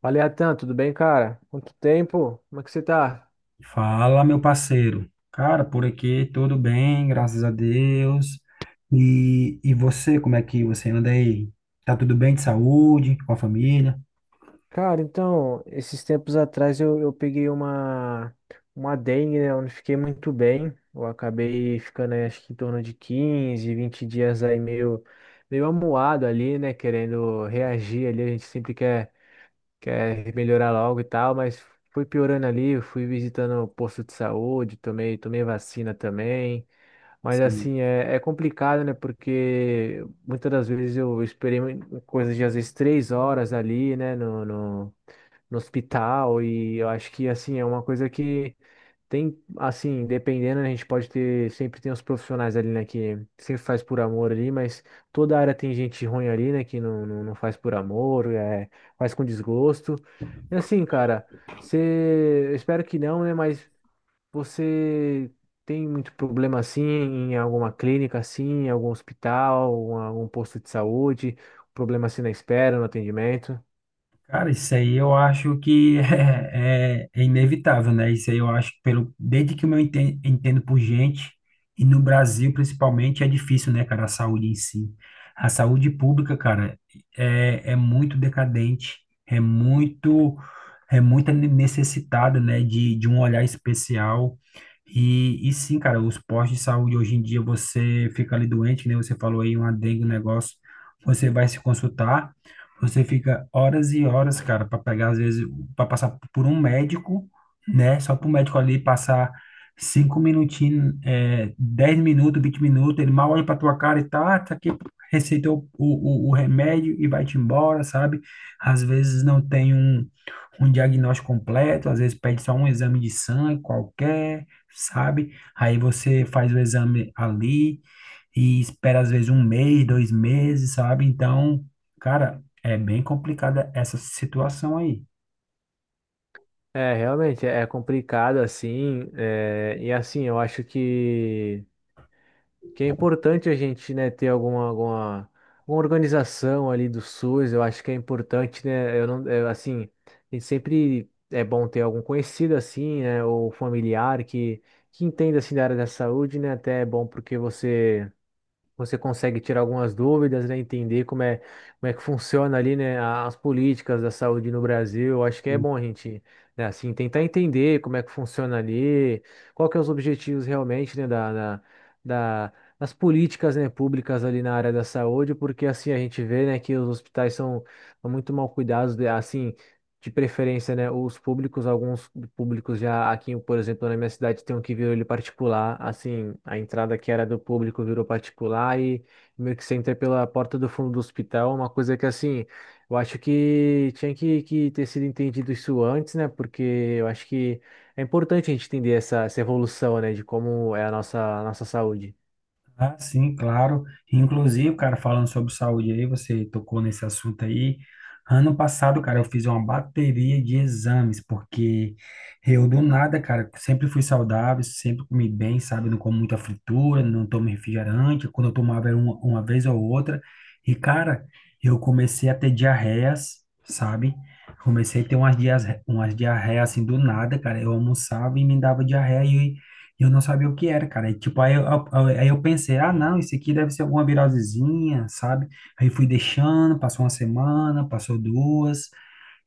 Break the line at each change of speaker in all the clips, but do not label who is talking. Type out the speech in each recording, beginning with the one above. Fala, Atan, tudo bem, cara? Quanto tempo? Como é que você tá?
Fala, meu parceiro. Cara, por aqui tudo bem, graças a Deus. E você, como é que você anda aí? Tá tudo bem de saúde, com a família?
Cara, então, esses tempos atrás eu peguei uma dengue, né? Eu não fiquei muito bem. Eu acabei ficando, aí, acho que em torno de 15, 20 dias aí meio, meio amuado ali, né? Querendo reagir ali. A gente sempre quer, quer melhorar logo e tal, mas fui piorando ali. Eu fui visitando o posto de saúde, tomei, tomei vacina também. Mas assim, é complicado, né? Porque muitas das vezes eu esperei coisas de às vezes três horas ali, né? No, no hospital. E eu acho que assim, é uma coisa que tem, assim, dependendo, né, a gente pode ter, sempre tem os profissionais ali, né? Que sempre faz por amor ali, mas toda área tem gente ruim ali, né? Que não faz por amor, é, faz com desgosto. E assim, cara, você, eu espero que não, né? Mas. Você tem muito problema assim em alguma clínica, assim, em algum hospital, algum posto de saúde, problema assim na espera, no atendimento?
Cara, isso aí eu acho que é inevitável, né? Isso aí eu acho que pelo, desde que eu me entendo por gente, e no Brasil principalmente é difícil, né, cara, a saúde em si. A saúde pública, cara, é muito decadente, é muito, é muito necessitada, né, de um olhar especial. E sim, cara, os postos de saúde hoje em dia, você fica ali doente, né? Você falou aí uma dengue, um negócio, você vai se consultar. Você fica horas e horas, cara, para pegar, às vezes, para passar por um médico, né? Só para o médico ali passar cinco minutinhos, 10 minutos, 20 minutos, ele mal olha para tua cara e tá, ah, tá aqui, receitou o remédio e vai-te embora, sabe? Às vezes não tem um, um diagnóstico completo, às vezes pede só um exame de sangue qualquer, sabe? Aí você faz o exame ali e espera, às vezes, um mês, dois meses, sabe? Então. Cara, é bem complicada essa situação aí.
É, realmente é complicado assim, é, e assim eu acho que é importante a gente, né, ter alguma, alguma, alguma organização ali do SUS. Eu acho que é importante, né? Eu não, é, assim, a gente sempre é bom ter algum conhecido assim, né, ou familiar que entenda assim da área da saúde, né? Até é bom porque você consegue tirar algumas dúvidas, né? Entender como é que funciona ali, né? As políticas da saúde no Brasil. Eu acho que é bom a gente, né, assim, tentar entender como é que funciona ali, qual que é os objetivos realmente, né? Das políticas, né? Públicas ali na área da saúde, porque assim a gente vê, né? Que os hospitais são, são muito mal cuidados, né, assim. De preferência, né? Os públicos, alguns públicos já aqui, por exemplo, na minha cidade tem um que virou ele particular. Assim, a entrada que era do público virou particular e meio que você entra pela porta do fundo do hospital. Uma coisa que, assim, eu acho que tinha que ter sido entendido isso antes, né? Porque eu acho que é importante a gente entender essa, essa evolução, né? De como é a nossa saúde.
Ah, sim, claro. Inclusive, cara, falando sobre saúde aí, você tocou nesse assunto aí. Ano passado, cara, eu fiz uma bateria de exames, porque eu do nada, cara, sempre fui saudável, sempre comi bem, sabe? Não como muita fritura, não tomo refrigerante. Quando eu tomava era uma vez ou outra. E, cara, eu comecei a ter diarreias, sabe? Comecei a ter umas diarreias assim do nada, cara. Eu almoçava e me dava diarreia. E eu não sabia o que era, cara. E, tipo, aí eu pensei, ah, não, isso aqui deve ser alguma virosezinha, sabe? Aí fui deixando, passou uma semana, passou duas,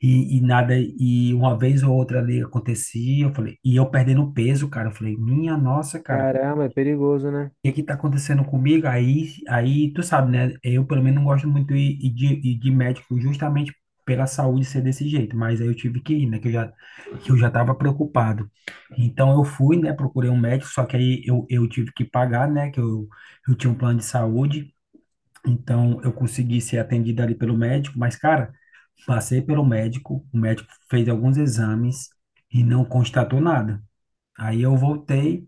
e nada, e uma vez ou outra ali acontecia, eu falei, e eu perdendo peso, cara. Eu falei, minha nossa, cara,
Caramba, é perigoso, né?
que tá acontecendo comigo? Aí, aí tu sabe, né? Eu pelo menos não gosto muito de de médico justamente pela saúde ser desse jeito, mas aí eu tive que ir, né? Que eu já tava preocupado. Então eu fui, né? Procurei um médico, só que aí eu tive que pagar, né? Eu tinha um plano de saúde. Então eu consegui ser atendido ali pelo médico, mas cara, passei pelo médico, o médico fez alguns exames e não constatou nada. Aí eu voltei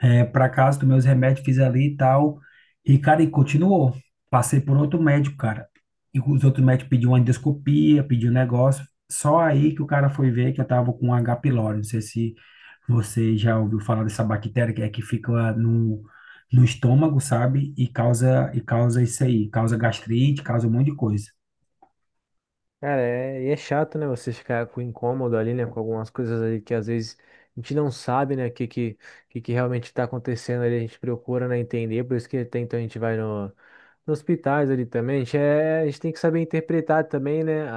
para casa, tomei os remédios, fiz ali e tal. E, cara, e continuou. Passei por outro médico, cara. E os outros médicos pediam uma endoscopia, pediu um negócio. Só aí que o cara foi ver que eu tava com H. pylori. Não sei se você já ouviu falar dessa bactéria que é que fica no estômago, sabe? E causa isso aí. Causa gastrite, causa um monte de coisa.
Cara, é, e é chato, né? Você ficar com incômodo ali, né? Com algumas coisas ali que às vezes a gente não sabe, né? O que realmente está acontecendo ali. A gente procura, né, entender. Por isso que até então a gente vai no, nos hospitais ali também. A gente, é, a gente tem que saber interpretar também, né?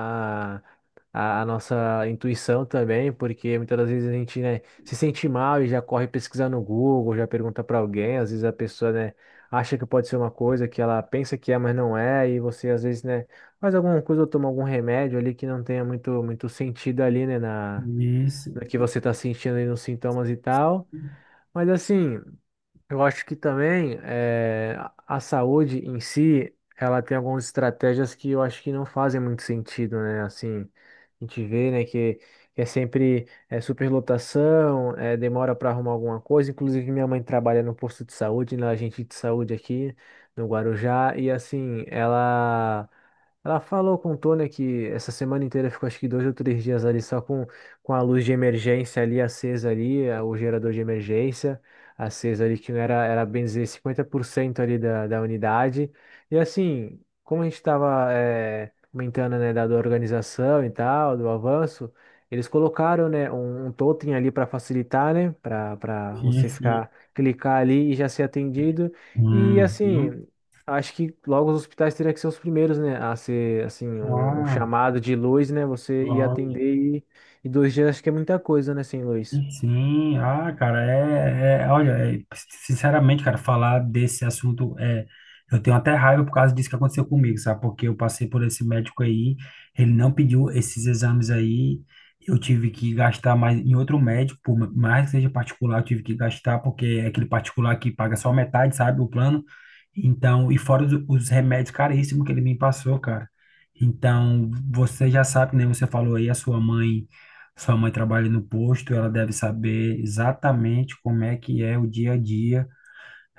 a nossa intuição também, porque muitas das vezes a gente, né, se sente mal e já corre pesquisar no Google, já pergunta para alguém, às vezes a pessoa, né, acha que pode ser uma coisa que ela pensa que é, mas não é, e você às vezes, né, faz alguma coisa ou toma algum remédio ali que não tenha muito, muito sentido ali, né, na,
Isso,
no que você está sentindo ali nos sintomas e tal. Mas assim, eu acho que também a saúde em si, ela tem algumas estratégias que eu acho que não fazem muito sentido, né? Assim, a gente vê, né, que é sempre é, superlotação, demora para arrumar alguma coisa. Inclusive, minha mãe trabalha no posto de saúde, na agente de saúde aqui no Guarujá, e assim, ela. Ela falou, contou, né, que essa semana inteira ficou acho que dois ou três dias ali só com a luz de emergência ali acesa ali, o gerador de emergência acesa ali, que não era, era bem dizer 50% ali da, da unidade. E assim, como a gente estava comentando, né, da, da organização e tal, do avanço, eles colocaram, né, um totem ali para facilitar, né, para
sim,
você
sim.
ficar, clicar ali e já ser atendido. E
Uhum.
assim, acho que logo os hospitais teriam que ser os primeiros, né, a ser, assim, um
Ah,
chamado de luz, né, você ir
claro.
atender e dois dias acho que é muita coisa, né, sem luz.
Sim, ah, cara, olha, é, sinceramente, cara, falar desse assunto é, eu tenho até raiva por causa disso que aconteceu comigo, sabe? Porque eu passei por esse médico aí, ele não pediu esses exames aí, eu tive que gastar mais em outro médico, por mais que seja particular, eu tive que gastar porque é aquele particular que paga só metade, sabe, o plano. Então, e fora os remédios caríssimos que ele me passou, cara. Então, você já sabe, né? Você falou aí a sua mãe, sua mãe trabalha no posto, ela deve saber exatamente como é que é o dia a dia,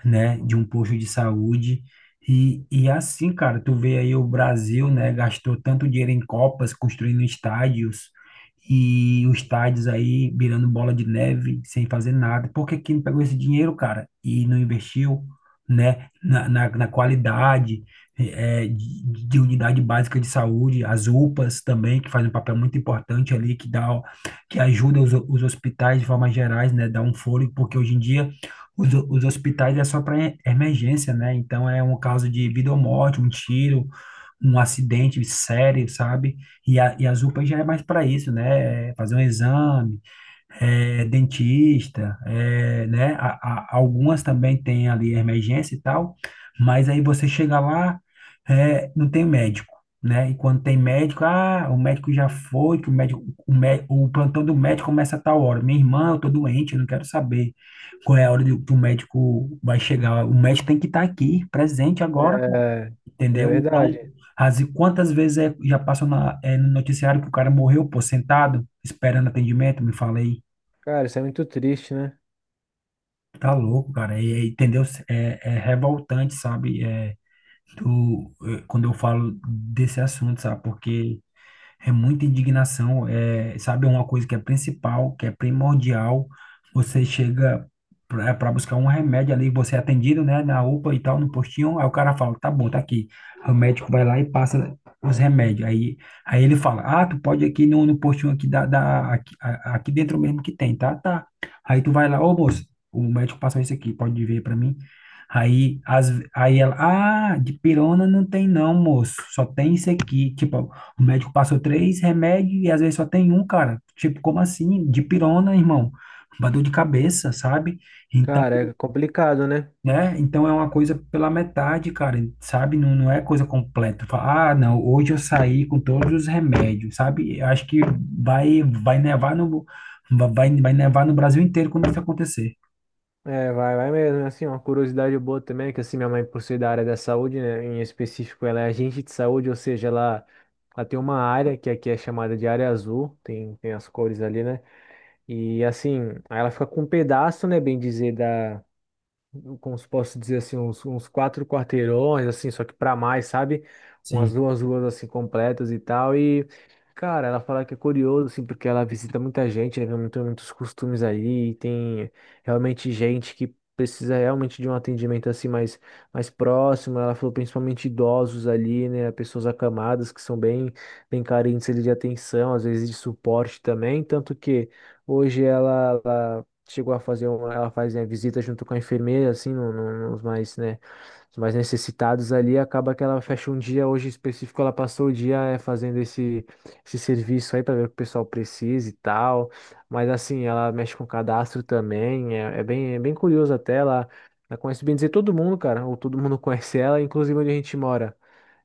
né, de um posto de saúde. E assim, cara, tu vê aí o Brasil, né, gastou tanto dinheiro em Copas, construindo estádios, e os estádios aí virando bola de neve, sem fazer nada. Por que que não pegou esse dinheiro, cara, e não investiu, né, na qualidade de unidade básica de saúde, as UPAs também, que fazem um papel muito importante ali, que ajuda os hospitais de forma gerais, né, dá um fôlego, porque hoje em dia os hospitais é só para emergência, né? Então é um caso de vida ou morte, um tiro, um acidente sério, sabe? E, a, e as UPAs já é mais para isso, né? É fazer um exame, é, dentista, é, né? Algumas também têm ali emergência e tal, mas aí você chega lá, é, não tem médico, né? E quando tem médico, ah, o médico já foi, que o médico, o plantão do médico começa a tal hora. Minha irmã, eu tô doente, eu não quero saber qual é a hora que o médico vai chegar. O médico tem que estar aqui, presente agora,
É, é
entendeu? Então,
verdade.
e quantas vezes já passou na, é, no noticiário que o cara morreu, pô, sentado, esperando atendimento, me falei.
Cara, isso é muito triste, né?
Tá louco, cara. Entendeu? É, é revoltante, sabe? É, quando eu falo desse assunto, sabe? Porque é muita indignação, é, sabe? É uma coisa que é principal, que é primordial. Você chega para buscar um remédio ali, você é atendido, né, na UPA e tal, no postinho. Aí o cara fala: tá bom, tá aqui. Aí o médico vai lá e passa os remédios. Aí ele fala: ah, tu pode ir aqui no postinho aqui, aqui, aqui dentro mesmo que tem, tá? Tá. Aí tu vai lá: ô moço, o médico passou isso aqui, pode ver para mim. Aí, as, aí ela, ah, de pirona não tem não, moço, só tem isso aqui. Tipo, o médico passou três remédios e às vezes só tem um, cara. Tipo, como assim? Dipirona, irmão. Uma dor de cabeça, sabe? Então,
Cara, é complicado, né?
né? Então é uma coisa pela metade, cara, sabe? Não, não é coisa completa. Fala, ah, não, hoje eu saí com todos os remédios, sabe? Eu acho que vai nevar no, vai nevar no Brasil inteiro quando isso acontecer.
É, vai, vai mesmo. É assim, uma curiosidade boa também, é que assim, minha mãe, por ser da área da saúde, né? Em específico, ela é agente de saúde, ou seja, ela tem uma área que aqui é chamada de área azul, tem, tem as cores ali, né? E assim, aí ela fica com um pedaço, né, bem dizer, da. Como se posso dizer assim, uns, uns quatro quarteirões, assim, só que pra mais, sabe? Umas
Sim.
duas ruas assim completas e tal. E, cara, ela fala que é curioso, assim, porque ela visita muita gente, né? Vê muito, muitos costumes aí, e tem realmente gente que precisa realmente de um atendimento assim mais, mais próximo. Ela falou principalmente idosos ali, né? Pessoas acamadas que são bem, bem carentes ali de atenção, às vezes de suporte também, tanto que. Hoje ela, chegou a fazer uma, ela faz, né, visita junto com a enfermeira, assim, nos mais, né, os mais necessitados ali, acaba que ela fecha um dia, hoje em específico, ela passou o dia fazendo esse, esse serviço aí para ver o que o pessoal precisa e tal, mas assim, ela mexe com cadastro também, é, é bem curioso até, ela conhece bem dizer todo mundo, cara, ou todo mundo conhece ela, inclusive onde a gente mora.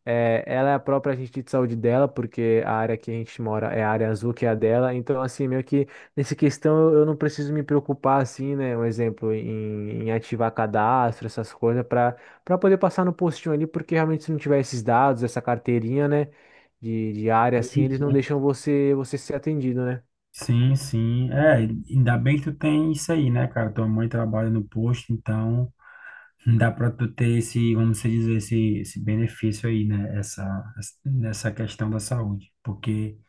É, ela é a própria agente de saúde dela, porque a área que a gente mora é a área azul, que é a dela. Então, assim, meio que nessa questão eu não preciso me preocupar, assim, né? Um exemplo, em, em ativar cadastro, essas coisas, para poder passar no postinho ali, porque realmente se não tiver esses dados, essa carteirinha, né, de área, assim,
Sim,
eles não
sim,
deixam você, você ser atendido, né?
sim, sim. É, ainda bem que tu tem isso aí, né, cara? Tua mãe trabalha no posto, então. Dá para tu ter esse, vamos dizer, esse benefício aí, né? Essa, nessa questão da saúde. Porque,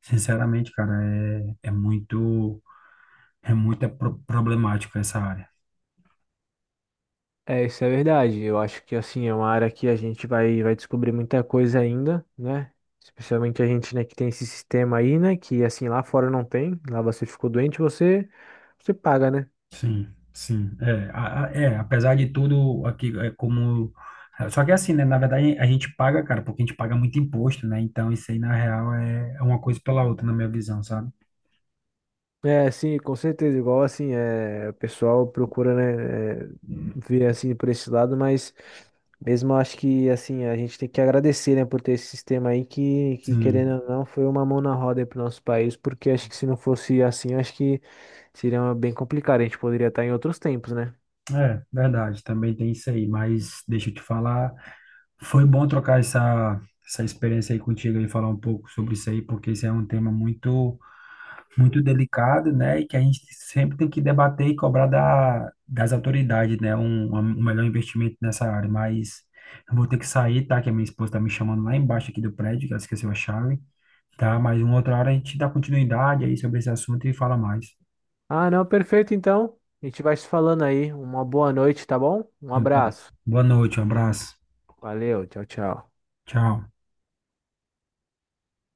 sinceramente, cara, é muito problemático essa área.
É, isso é verdade. Eu acho que assim é uma área que a gente vai, vai descobrir muita coisa ainda, né? Especialmente a gente, né, que tem esse sistema aí, né? Que assim lá fora não tem. Lá você ficou doente, você paga, né?
Sim, sim. É, é, apesar de tudo, aqui é como. Só que assim, né? Na verdade, a gente paga, cara, porque a gente paga muito imposto, né? Então, isso aí, na real, é uma coisa pela outra, na minha visão, sabe?
É, sim, com certeza. Igual assim, é, o pessoal procura, né, é, ver assim por esse lado, mas mesmo eu acho que assim, a gente tem que agradecer, né, por ter esse sistema aí que
Sim,
querendo ou não, foi uma mão na roda aí pro nosso país, porque acho que se não fosse assim, acho que seria bem complicado. A gente poderia estar em outros tempos, né?
é verdade, também tem isso aí, mas deixa eu te falar. Foi bom trocar essa, essa experiência aí contigo e falar um pouco sobre isso aí, porque isso é um tema muito, muito delicado, né? E que a gente sempre tem que debater e cobrar da, das autoridades, né? Um melhor investimento nessa área. Mas eu vou ter que sair, tá? Que a minha esposa tá me chamando lá embaixo aqui do prédio, que ela esqueceu a chave, tá? Mas uma outra hora a gente dá continuidade aí sobre esse assunto e fala mais.
Ah, não, perfeito, então. A gente vai se falando aí. Uma boa noite, tá bom? Um
Boa
abraço.
Boa noite, um abraço.
Valeu, tchau, tchau.
Tchau.